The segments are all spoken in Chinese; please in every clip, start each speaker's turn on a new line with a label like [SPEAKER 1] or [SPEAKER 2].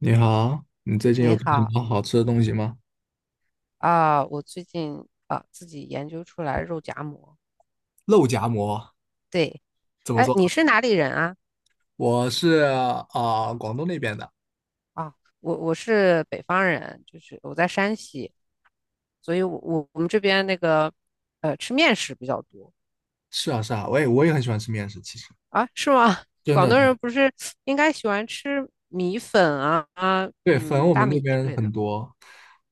[SPEAKER 1] 你好，你最近有
[SPEAKER 2] 你
[SPEAKER 1] 做什
[SPEAKER 2] 好
[SPEAKER 1] 么好吃的东西吗？
[SPEAKER 2] 啊，我最近啊自己研究出来肉夹馍。
[SPEAKER 1] 肉夹馍
[SPEAKER 2] 对，
[SPEAKER 1] 怎么
[SPEAKER 2] 哎，
[SPEAKER 1] 做？
[SPEAKER 2] 你是哪里人啊？
[SPEAKER 1] 我是广东那边的。
[SPEAKER 2] 啊，我是北方人，就是我在山西，所以我们这边那个吃面食比较多。
[SPEAKER 1] 是啊，是啊，我也很喜欢吃面食，其实
[SPEAKER 2] 啊，是吗？
[SPEAKER 1] 真
[SPEAKER 2] 广
[SPEAKER 1] 的，
[SPEAKER 2] 东
[SPEAKER 1] 真的。
[SPEAKER 2] 人不是应该喜欢吃米粉啊啊
[SPEAKER 1] 对，粉
[SPEAKER 2] 嗯
[SPEAKER 1] 我
[SPEAKER 2] 大
[SPEAKER 1] 们那
[SPEAKER 2] 米之
[SPEAKER 1] 边
[SPEAKER 2] 类
[SPEAKER 1] 很
[SPEAKER 2] 的，
[SPEAKER 1] 多，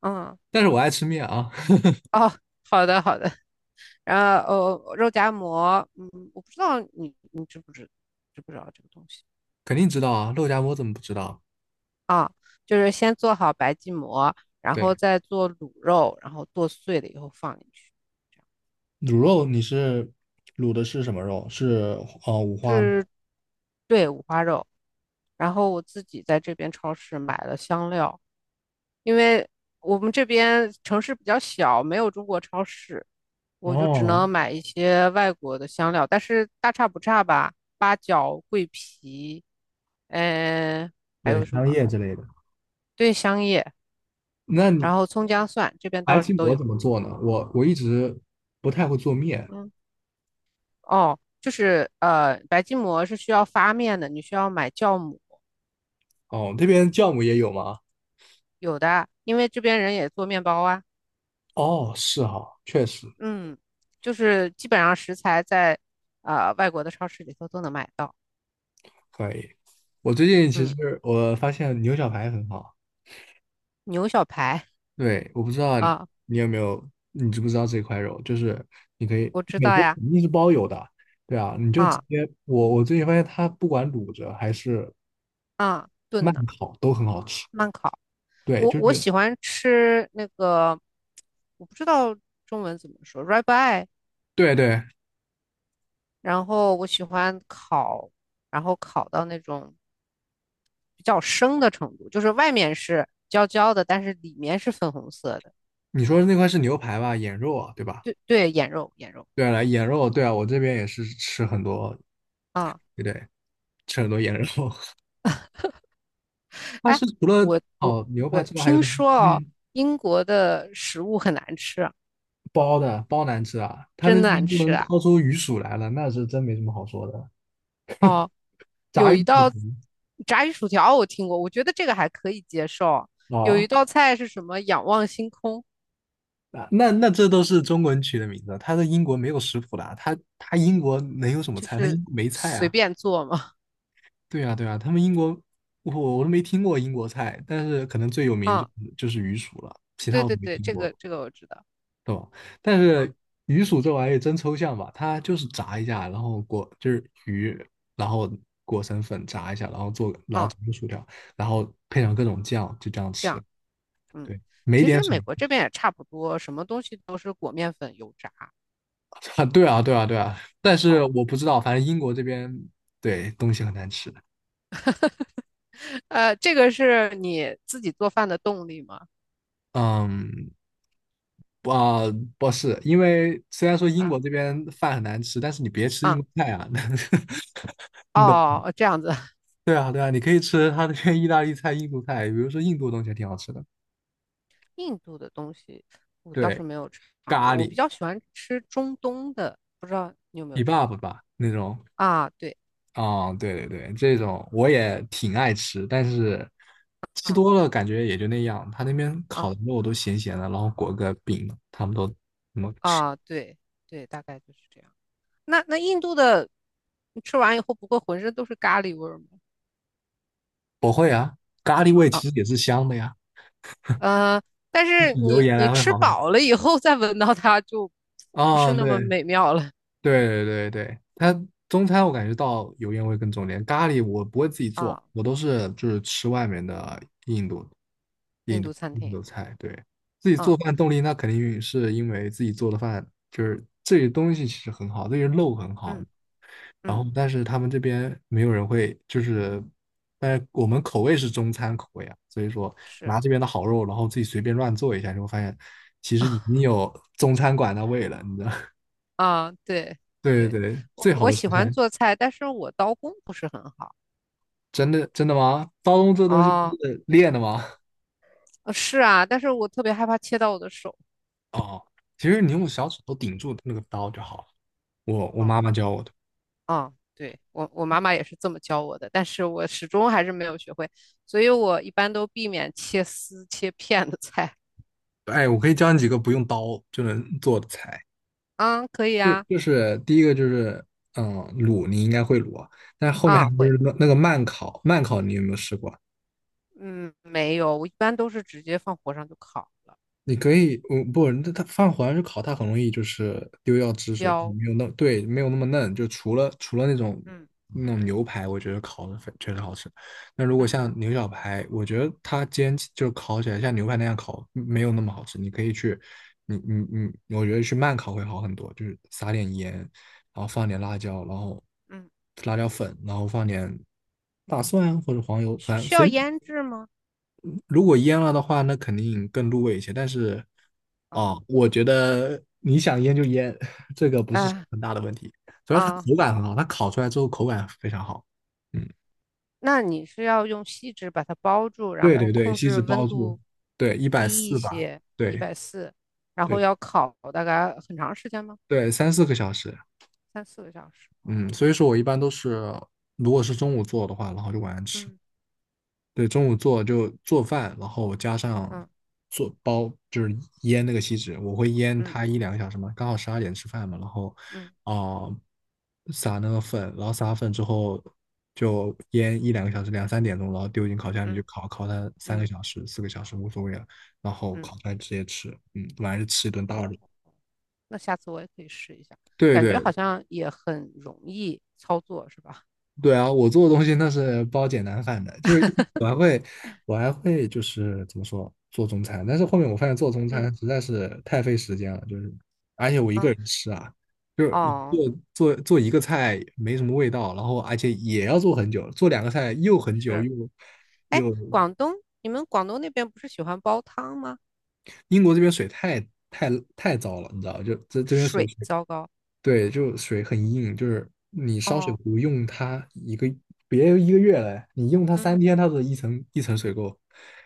[SPEAKER 2] 嗯。
[SPEAKER 1] 但是我爱吃面啊。
[SPEAKER 2] 哦，好的好的，然后哦肉夹馍，嗯，我不知道你知不知道这个东西。
[SPEAKER 1] 肯定知道啊，肉夹馍怎么不知道？
[SPEAKER 2] 啊，就是先做好白吉馍，然后
[SPEAKER 1] 对，
[SPEAKER 2] 再做卤肉，然后剁碎了以后放进去，这样
[SPEAKER 1] 卤肉你是卤的是什么肉？是五花吗？
[SPEAKER 2] 是对五花肉。然后我自己在这边超市买了香料，因为我们这边城市比较小，没有中国超市，我就只
[SPEAKER 1] 哦，
[SPEAKER 2] 能买一些外国的香料，但是大差不差吧，八角、桂皮，嗯、还
[SPEAKER 1] 对，
[SPEAKER 2] 有什
[SPEAKER 1] 香
[SPEAKER 2] 么？
[SPEAKER 1] 叶之类的。
[SPEAKER 2] 对，香叶，
[SPEAKER 1] 那你
[SPEAKER 2] 然后葱姜蒜，这边
[SPEAKER 1] 白
[SPEAKER 2] 倒
[SPEAKER 1] 吉
[SPEAKER 2] 是都
[SPEAKER 1] 馍
[SPEAKER 2] 有。
[SPEAKER 1] 怎么做呢？我一直不太会做面。
[SPEAKER 2] 嗯。哦，就是白吉馍是需要发面的，你需要买酵母，
[SPEAKER 1] 哦，这边酵母也有吗？
[SPEAKER 2] 有的，因为这边人也做面包啊。
[SPEAKER 1] 哦，是哈，确实
[SPEAKER 2] 嗯，就是基本上食材在外国的超市里头都能买到。
[SPEAKER 1] 可以。我最近其
[SPEAKER 2] 嗯，
[SPEAKER 1] 实我发现牛小排很好，
[SPEAKER 2] 牛小排
[SPEAKER 1] 对，我不知道
[SPEAKER 2] 啊，
[SPEAKER 1] 你有没有，你知不知道这块肉？就是你可以，
[SPEAKER 2] 我知
[SPEAKER 1] 美
[SPEAKER 2] 道
[SPEAKER 1] 国
[SPEAKER 2] 呀，
[SPEAKER 1] 肯定是包邮的，对啊，你就直
[SPEAKER 2] 啊
[SPEAKER 1] 接，我最近发现它不管卤着还是
[SPEAKER 2] 啊，炖
[SPEAKER 1] 慢
[SPEAKER 2] 呢，
[SPEAKER 1] 烤都很好吃，
[SPEAKER 2] 慢烤。
[SPEAKER 1] 对，
[SPEAKER 2] 我
[SPEAKER 1] 就
[SPEAKER 2] 我
[SPEAKER 1] 是
[SPEAKER 2] 喜欢吃那个，我不知道中文怎么说 ribeye。
[SPEAKER 1] 对对，
[SPEAKER 2] 然后我喜欢烤，然后烤到那种比较生的程度，就是外面是焦焦的，但是里面是粉红色的。
[SPEAKER 1] 你说的那块是牛排吧，眼肉啊，对吧？
[SPEAKER 2] 对对，眼肉眼肉
[SPEAKER 1] 对了，眼肉，对啊，我这边也是吃很多，
[SPEAKER 2] 啊，
[SPEAKER 1] 对对，吃很多眼肉。它
[SPEAKER 2] 哎，
[SPEAKER 1] 是除了
[SPEAKER 2] 我我
[SPEAKER 1] 烤牛排
[SPEAKER 2] 我
[SPEAKER 1] 之外还有
[SPEAKER 2] 听
[SPEAKER 1] 什么？
[SPEAKER 2] 说哦，
[SPEAKER 1] 嗯。
[SPEAKER 2] 英国的食物很难吃，
[SPEAKER 1] 包的包难吃啊，他们
[SPEAKER 2] 真
[SPEAKER 1] 这
[SPEAKER 2] 难
[SPEAKER 1] 边都
[SPEAKER 2] 吃
[SPEAKER 1] 能
[SPEAKER 2] 啊！
[SPEAKER 1] 掏出鱼薯来了，那是真没什么好说的。
[SPEAKER 2] 哦，
[SPEAKER 1] 炸
[SPEAKER 2] 有
[SPEAKER 1] 鱼
[SPEAKER 2] 一
[SPEAKER 1] 薯条。
[SPEAKER 2] 道炸鱼薯条我听过，我觉得这个还可以接受。有一
[SPEAKER 1] 哦，
[SPEAKER 2] 道菜是什么？仰望星空，
[SPEAKER 1] 啊，那那这都是中国人取的名字，他在英国没有食谱的啊，他英国能有什么
[SPEAKER 2] 就
[SPEAKER 1] 菜？他
[SPEAKER 2] 是
[SPEAKER 1] 英国没菜
[SPEAKER 2] 随
[SPEAKER 1] 啊。
[SPEAKER 2] 便做嘛。
[SPEAKER 1] 对啊，对啊，他们英国我都没听过英国菜，但是可能 最有名就
[SPEAKER 2] 啊，
[SPEAKER 1] 就是鱼薯了，其他
[SPEAKER 2] 对
[SPEAKER 1] 我都
[SPEAKER 2] 对
[SPEAKER 1] 没
[SPEAKER 2] 对，
[SPEAKER 1] 听
[SPEAKER 2] 这个
[SPEAKER 1] 过。
[SPEAKER 2] 这个我知道。
[SPEAKER 1] 对吧？但
[SPEAKER 2] 啊
[SPEAKER 1] 是鱼薯这玩意真抽象吧，它就是炸一下，然后裹就是鱼，然后裹成粉炸一下，然后做
[SPEAKER 2] 啊，
[SPEAKER 1] 成薯条，然后配上各种酱，就这样
[SPEAKER 2] 这
[SPEAKER 1] 吃。
[SPEAKER 2] 样。嗯，
[SPEAKER 1] 对，没
[SPEAKER 2] 其
[SPEAKER 1] 点
[SPEAKER 2] 实
[SPEAKER 1] 水。
[SPEAKER 2] 美国这边也差不多，什么东西都是裹面粉油炸。
[SPEAKER 1] 啊，对啊，对啊，对啊。但是
[SPEAKER 2] 哦，
[SPEAKER 1] 我不知道，反正英国这边对东西很难吃。
[SPEAKER 2] 这个是你自己做饭的动力吗？
[SPEAKER 1] 嗯，不啊，不是，因为虽然说英
[SPEAKER 2] 啊
[SPEAKER 1] 国这边饭很难吃，但是你别吃英
[SPEAKER 2] 啊
[SPEAKER 1] 国菜啊，你懂？
[SPEAKER 2] 哦，这样子。
[SPEAKER 1] 对啊，对啊，你可以吃他那边意大利菜、印度菜，比如说印度的东西还挺好吃的。
[SPEAKER 2] 印度的东西我倒是
[SPEAKER 1] 对，
[SPEAKER 2] 没有尝过，
[SPEAKER 1] 咖
[SPEAKER 2] 我比
[SPEAKER 1] 喱
[SPEAKER 2] 较喜欢吃中东的，不知道你有没有尝
[SPEAKER 1] kebab
[SPEAKER 2] 过
[SPEAKER 1] 吧那种，
[SPEAKER 2] 啊？对，
[SPEAKER 1] 啊、对对对，这种我也挺爱吃，但是吃多
[SPEAKER 2] 啊
[SPEAKER 1] 了感觉也就那样。他那边烤
[SPEAKER 2] 啊
[SPEAKER 1] 的肉都咸咸的，然后裹个饼，他们都
[SPEAKER 2] 啊，对对，大概就是这样。那那印度的，你吃完以后不会浑身都是咖喱味儿吗？
[SPEAKER 1] 不会啊。咖喱味其
[SPEAKER 2] 啊
[SPEAKER 1] 实也是香的呀，
[SPEAKER 2] 呃，但
[SPEAKER 1] 比
[SPEAKER 2] 是
[SPEAKER 1] 起油
[SPEAKER 2] 你
[SPEAKER 1] 盐
[SPEAKER 2] 你
[SPEAKER 1] 来会
[SPEAKER 2] 吃
[SPEAKER 1] 好很多。
[SPEAKER 2] 饱了以后再闻到它就不是那么
[SPEAKER 1] 对，
[SPEAKER 2] 美妙了
[SPEAKER 1] 对对对，它中餐我感觉到油烟味更重点，咖喱我不会自己做，
[SPEAKER 2] 啊。
[SPEAKER 1] 我都是就是吃外面的印度
[SPEAKER 2] 印
[SPEAKER 1] 印度
[SPEAKER 2] 度餐
[SPEAKER 1] 印度
[SPEAKER 2] 厅
[SPEAKER 1] 菜。对，自己做
[SPEAKER 2] 啊，
[SPEAKER 1] 饭动力那肯定是因为自己做的饭就是这些东西其实很好，这些肉很好，
[SPEAKER 2] 嗯
[SPEAKER 1] 然后
[SPEAKER 2] 嗯，
[SPEAKER 1] 但是他们这边没有人会就是，但是我们口味是中餐口味啊，所以说
[SPEAKER 2] 是
[SPEAKER 1] 拿这边的好肉，然后自己随便乱做一下，就会发现其实已经 有中餐馆的味了，你知道。
[SPEAKER 2] 啊，对
[SPEAKER 1] 对对
[SPEAKER 2] 对，
[SPEAKER 1] 对，
[SPEAKER 2] 我
[SPEAKER 1] 最好
[SPEAKER 2] 我
[SPEAKER 1] 的食
[SPEAKER 2] 喜欢
[SPEAKER 1] 材。
[SPEAKER 2] 做菜，但是我刀工不是很好
[SPEAKER 1] 真的真的吗？刀工这东西不
[SPEAKER 2] 哦，
[SPEAKER 1] 是练的吗？
[SPEAKER 2] 是啊，但是我特别害怕切到我的手
[SPEAKER 1] 哦，其实你用小指头顶住那个刀就好了。我妈
[SPEAKER 2] 哦
[SPEAKER 1] 妈教我的。
[SPEAKER 2] 哦，对我妈妈也是这么教我的，但是我始终还是没有学会，所以我一般都避免切丝切片的菜
[SPEAKER 1] 哎，我可以教你几个不用刀就能做的菜。
[SPEAKER 2] 啊，可以啊
[SPEAKER 1] 第一个就是嗯卤，你应该会卤啊。但是后面还
[SPEAKER 2] 啊
[SPEAKER 1] 不
[SPEAKER 2] 会。
[SPEAKER 1] 是那那个慢烤，慢烤你有没有试过？
[SPEAKER 2] 嗯，没有，我一般都是直接放火上就烤了，
[SPEAKER 1] 你可以，嗯，不，那它放火上去烤，它很容易就是丢掉汁水，
[SPEAKER 2] 焦。
[SPEAKER 1] 没有那，对，没有那么嫩。就除了那种
[SPEAKER 2] 嗯
[SPEAKER 1] 牛排，我觉得烤的确实好吃。那如果
[SPEAKER 2] 嗯
[SPEAKER 1] 像牛小排，我觉得它煎起就烤起来像牛排那样烤，没有那么好吃。你可以去，你你你，我觉得去慢烤会好很多，就是撒点盐，然后放点辣椒，然后
[SPEAKER 2] 嗯，
[SPEAKER 1] 辣椒粉，然后放点大蒜啊或者黄油，
[SPEAKER 2] 需
[SPEAKER 1] 反正
[SPEAKER 2] 需
[SPEAKER 1] 随
[SPEAKER 2] 要
[SPEAKER 1] 便
[SPEAKER 2] 腌制吗？
[SPEAKER 1] 如果腌了的话，那肯定更入味一些。但是，哦，
[SPEAKER 2] 啊
[SPEAKER 1] 我觉得你想腌就腌，这个不是
[SPEAKER 2] 啊
[SPEAKER 1] 很大的问题。主要它
[SPEAKER 2] 啊，
[SPEAKER 1] 口感很
[SPEAKER 2] 好，
[SPEAKER 1] 好，它烤出来之后口感非常好。嗯，
[SPEAKER 2] 那你是要用锡纸把它包住，然
[SPEAKER 1] 对
[SPEAKER 2] 后
[SPEAKER 1] 对对，
[SPEAKER 2] 控
[SPEAKER 1] 锡
[SPEAKER 2] 制
[SPEAKER 1] 纸
[SPEAKER 2] 温
[SPEAKER 1] 包住，
[SPEAKER 2] 度
[SPEAKER 1] 对，一百
[SPEAKER 2] 低一
[SPEAKER 1] 四吧，
[SPEAKER 2] 些，一
[SPEAKER 1] 对
[SPEAKER 2] 百四，然后
[SPEAKER 1] 对
[SPEAKER 2] 要烤大概很长时间吗？
[SPEAKER 1] 对，三四个小时。
[SPEAKER 2] 3、4个小时。
[SPEAKER 1] 嗯，
[SPEAKER 2] 哦，
[SPEAKER 1] 所以说我一般都是，如果是中午做的话，然后就晚上吃。
[SPEAKER 2] 嗯
[SPEAKER 1] 对，中午做就做饭，然后加上
[SPEAKER 2] 嗯
[SPEAKER 1] 做包，就是腌那个锡纸，我会腌
[SPEAKER 2] 嗯
[SPEAKER 1] 它一两个小时嘛，刚好十二点吃饭嘛，然后
[SPEAKER 2] 嗯
[SPEAKER 1] 啊、呃撒那个粉，然后撒了粉之后就腌一两个小时，两三点钟，然后丢进烤箱里去
[SPEAKER 2] 嗯
[SPEAKER 1] 烤，烤它三个
[SPEAKER 2] 嗯
[SPEAKER 1] 小时、四个小时无所谓了，然后
[SPEAKER 2] 嗯，
[SPEAKER 1] 烤出来直接吃，嗯，晚上就吃一顿大
[SPEAKER 2] 哦，
[SPEAKER 1] 的。
[SPEAKER 2] 那下次我也可以试一下，
[SPEAKER 1] 对
[SPEAKER 2] 感
[SPEAKER 1] 对，
[SPEAKER 2] 觉好像也很容易操作，是吧？
[SPEAKER 1] 对啊，我做的东西那是包简单饭的，就是我还会，我还会就是怎么说做中餐，但是后面我发现做中
[SPEAKER 2] 嗯。
[SPEAKER 1] 餐实在是太费时间了，就是而且我一个
[SPEAKER 2] 啊。
[SPEAKER 1] 人吃啊，就是你
[SPEAKER 2] 哦，
[SPEAKER 1] 做一个菜没什么味道，然后而且也要做很久，做两个菜又很久
[SPEAKER 2] 是，
[SPEAKER 1] 又
[SPEAKER 2] 哎，
[SPEAKER 1] 又
[SPEAKER 2] 广东，你们广东那边不是喜欢煲汤吗？
[SPEAKER 1] 英国这边水太太糟了，你知道，就这这边水
[SPEAKER 2] 水
[SPEAKER 1] 水
[SPEAKER 2] 糟糕。
[SPEAKER 1] 对，就水很硬，就是你烧水
[SPEAKER 2] 哦，
[SPEAKER 1] 壶用它一个，别一个月嘞，你用它三
[SPEAKER 2] 嗯，
[SPEAKER 1] 天，它的一层一层水垢，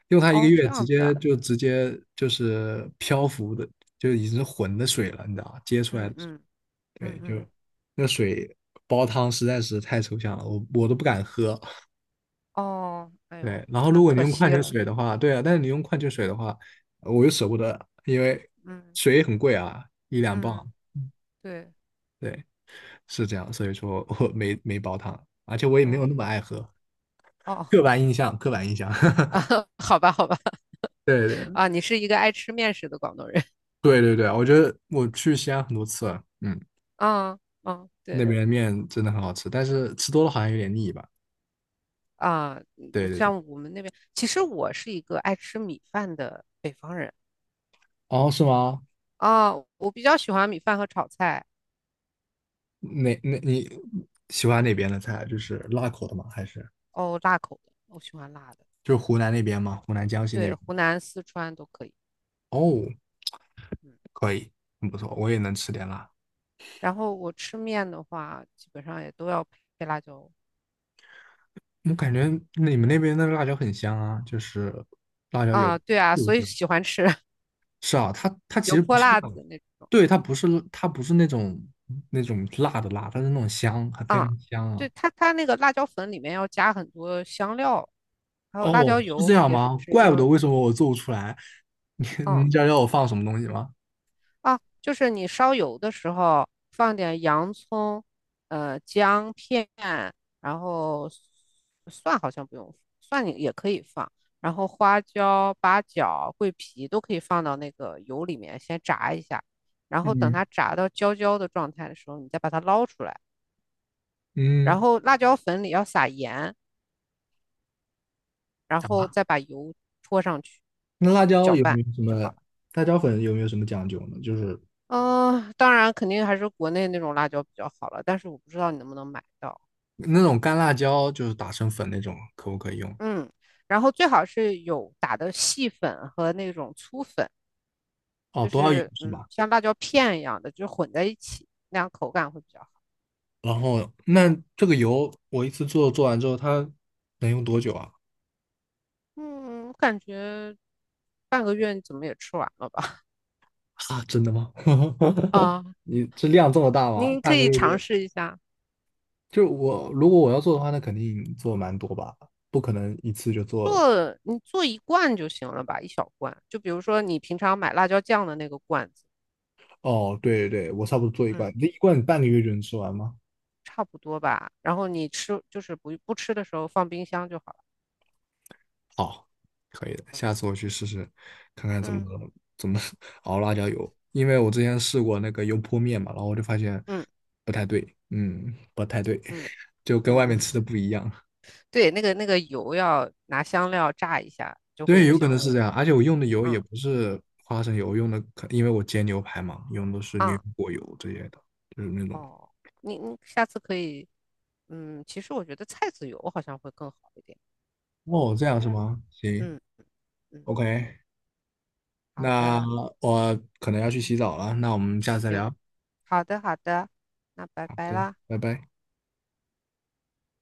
[SPEAKER 1] 用它一个
[SPEAKER 2] 哦，这
[SPEAKER 1] 月，
[SPEAKER 2] 样子啊，
[SPEAKER 1] 直接就是漂浮的，就已经是浑的水了，你知道吧？接出来
[SPEAKER 2] 嗯
[SPEAKER 1] 的水
[SPEAKER 2] 嗯嗯
[SPEAKER 1] 对，就
[SPEAKER 2] 嗯，
[SPEAKER 1] 那水煲汤实在是太抽象了，我都不敢喝。
[SPEAKER 2] 哦，哎呦，
[SPEAKER 1] 对，然后
[SPEAKER 2] 那
[SPEAKER 1] 如果你
[SPEAKER 2] 可
[SPEAKER 1] 用矿
[SPEAKER 2] 惜
[SPEAKER 1] 泉
[SPEAKER 2] 了。
[SPEAKER 1] 水的话，对啊，但是你用矿泉水的话，我又舍不得，因为
[SPEAKER 2] 嗯
[SPEAKER 1] 水也很贵啊，一两磅。
[SPEAKER 2] 嗯，对，
[SPEAKER 1] 对，是这样，所以说我没煲汤，而且我也没有
[SPEAKER 2] 嗯，
[SPEAKER 1] 那么爱喝。
[SPEAKER 2] 哦，
[SPEAKER 1] 刻板印象，刻板印象，
[SPEAKER 2] 啊，好吧好吧，
[SPEAKER 1] 对 对
[SPEAKER 2] 啊，你是一个爱吃面食的广东人。
[SPEAKER 1] 对对对，我觉得我去西安很多次了，嗯，
[SPEAKER 2] 啊嗯，
[SPEAKER 1] 那
[SPEAKER 2] 对
[SPEAKER 1] 边的面真的很好吃，但是吃多了好像有点腻吧？
[SPEAKER 2] 啊，嗯
[SPEAKER 1] 对
[SPEAKER 2] 就
[SPEAKER 1] 对对，
[SPEAKER 2] 像我们那边，其实我是一个爱吃米饭的北方人
[SPEAKER 1] 哦，是吗？
[SPEAKER 2] 啊，我比较喜欢米饭和炒菜。
[SPEAKER 1] 那那你喜欢哪边的菜？就是辣口的吗？还是
[SPEAKER 2] 哦，辣口的，我喜欢辣的。
[SPEAKER 1] 就是湖南那边吗？湖南江西那
[SPEAKER 2] 对，
[SPEAKER 1] 边？
[SPEAKER 2] 湖南、四川都可以。
[SPEAKER 1] 哦，
[SPEAKER 2] 嗯，
[SPEAKER 1] 可以，很不错，我也能吃点辣。
[SPEAKER 2] 然后我吃面的话，基本上也都要配辣椒。
[SPEAKER 1] 我感觉你们那边的辣椒很香啊，就是辣椒有。
[SPEAKER 2] 啊，对啊，所以
[SPEAKER 1] 嗯
[SPEAKER 2] 喜欢吃
[SPEAKER 1] 是啊，它其
[SPEAKER 2] 油
[SPEAKER 1] 实不
[SPEAKER 2] 泼
[SPEAKER 1] 是
[SPEAKER 2] 辣
[SPEAKER 1] 辣的，
[SPEAKER 2] 子那
[SPEAKER 1] 对，它不是那种辣的辣，它是那种香，还非
[SPEAKER 2] 啊，
[SPEAKER 1] 常香啊。
[SPEAKER 2] 对，它那个辣椒粉里面要加很多香料，还有辣
[SPEAKER 1] 哦，
[SPEAKER 2] 椒
[SPEAKER 1] 是这
[SPEAKER 2] 油
[SPEAKER 1] 样
[SPEAKER 2] 也
[SPEAKER 1] 吗？
[SPEAKER 2] 是
[SPEAKER 1] 怪不得
[SPEAKER 2] 要，
[SPEAKER 1] 为什么我做不出来。你
[SPEAKER 2] 嗯，
[SPEAKER 1] 你知道要我放什么东西吗？
[SPEAKER 2] 啊，就是你烧油的时候放点洋葱、姜片，然后蒜好像不用，蒜你也可以放，然后花椒、八角、桂皮都可以放到那个油里面先炸一下，然后等
[SPEAKER 1] 嗯
[SPEAKER 2] 它炸到焦焦的状态的时候，你再把它捞出来，然
[SPEAKER 1] 嗯
[SPEAKER 2] 后辣椒粉里要撒盐，然后
[SPEAKER 1] 啊，
[SPEAKER 2] 再把油泼上去，
[SPEAKER 1] 那辣椒
[SPEAKER 2] 搅
[SPEAKER 1] 有没
[SPEAKER 2] 拌
[SPEAKER 1] 有什么
[SPEAKER 2] 就好了。
[SPEAKER 1] 辣椒粉有没有什么讲究呢？就是
[SPEAKER 2] 嗯，当然肯定还是国内那种辣椒比较好了，但是我不知道你能不能买到。
[SPEAKER 1] 那种干辣椒，就是打成粉那种，可不可以用？
[SPEAKER 2] 嗯，然后最好是有打的细粉和那种粗粉，
[SPEAKER 1] 哦，
[SPEAKER 2] 就
[SPEAKER 1] 多少油
[SPEAKER 2] 是
[SPEAKER 1] 是
[SPEAKER 2] 嗯，
[SPEAKER 1] 吧？
[SPEAKER 2] 像辣椒片一样的，就混在一起，那样口感会比较好。
[SPEAKER 1] 然后那这个油我一次完之后，它能用多久啊？
[SPEAKER 2] 嗯，我感觉半个月你怎么也吃完了吧？
[SPEAKER 1] 啊，真的吗？
[SPEAKER 2] 啊，
[SPEAKER 1] 你这量这么大吗？
[SPEAKER 2] 您可
[SPEAKER 1] 半个
[SPEAKER 2] 以
[SPEAKER 1] 月
[SPEAKER 2] 尝
[SPEAKER 1] 就
[SPEAKER 2] 试一下，
[SPEAKER 1] 就是我如果我要做的话，那肯定做蛮多吧，不可能一次就做。
[SPEAKER 2] 你做一罐就行了吧，一小罐，就比如说你平常买辣椒酱的那个罐子，
[SPEAKER 1] 哦，对对对，我差不多做一
[SPEAKER 2] 嗯，
[SPEAKER 1] 罐，那一罐半个月就能吃完吗？
[SPEAKER 2] 差不多吧。然后你吃就是不吃的时候放冰箱就好了。
[SPEAKER 1] 好，可以的，
[SPEAKER 2] 嗯
[SPEAKER 1] 下次我去试试，看看
[SPEAKER 2] 嗯
[SPEAKER 1] 怎么 熬辣椒油，因为我之前试过那个油泼面嘛，然后我就发现
[SPEAKER 2] 嗯
[SPEAKER 1] 不太对，嗯，不太对，
[SPEAKER 2] 嗯
[SPEAKER 1] 就跟外面吃
[SPEAKER 2] 嗯。
[SPEAKER 1] 的不一样。
[SPEAKER 2] 对，那个那个油要拿香料炸一下，就会
[SPEAKER 1] 对，
[SPEAKER 2] 有
[SPEAKER 1] 有可能
[SPEAKER 2] 香
[SPEAKER 1] 是
[SPEAKER 2] 味。
[SPEAKER 1] 这样，而且我用的油也
[SPEAKER 2] 嗯
[SPEAKER 1] 不是花生油，我用的可因为我煎牛排嘛，用的是牛油
[SPEAKER 2] 啊
[SPEAKER 1] 果油这些的，就是那种。
[SPEAKER 2] 哦，你下次可以，嗯，其实我觉得菜籽油好像会更好一点。
[SPEAKER 1] 哦，这样是吗？行
[SPEAKER 2] 嗯嗯，嗯
[SPEAKER 1] ，OK，
[SPEAKER 2] 好
[SPEAKER 1] 那
[SPEAKER 2] 的，
[SPEAKER 1] 我可能要去洗澡了，那我们下次再聊。
[SPEAKER 2] 行，好的好的，那拜
[SPEAKER 1] 好
[SPEAKER 2] 拜
[SPEAKER 1] 的，
[SPEAKER 2] 啦。
[SPEAKER 1] 拜拜。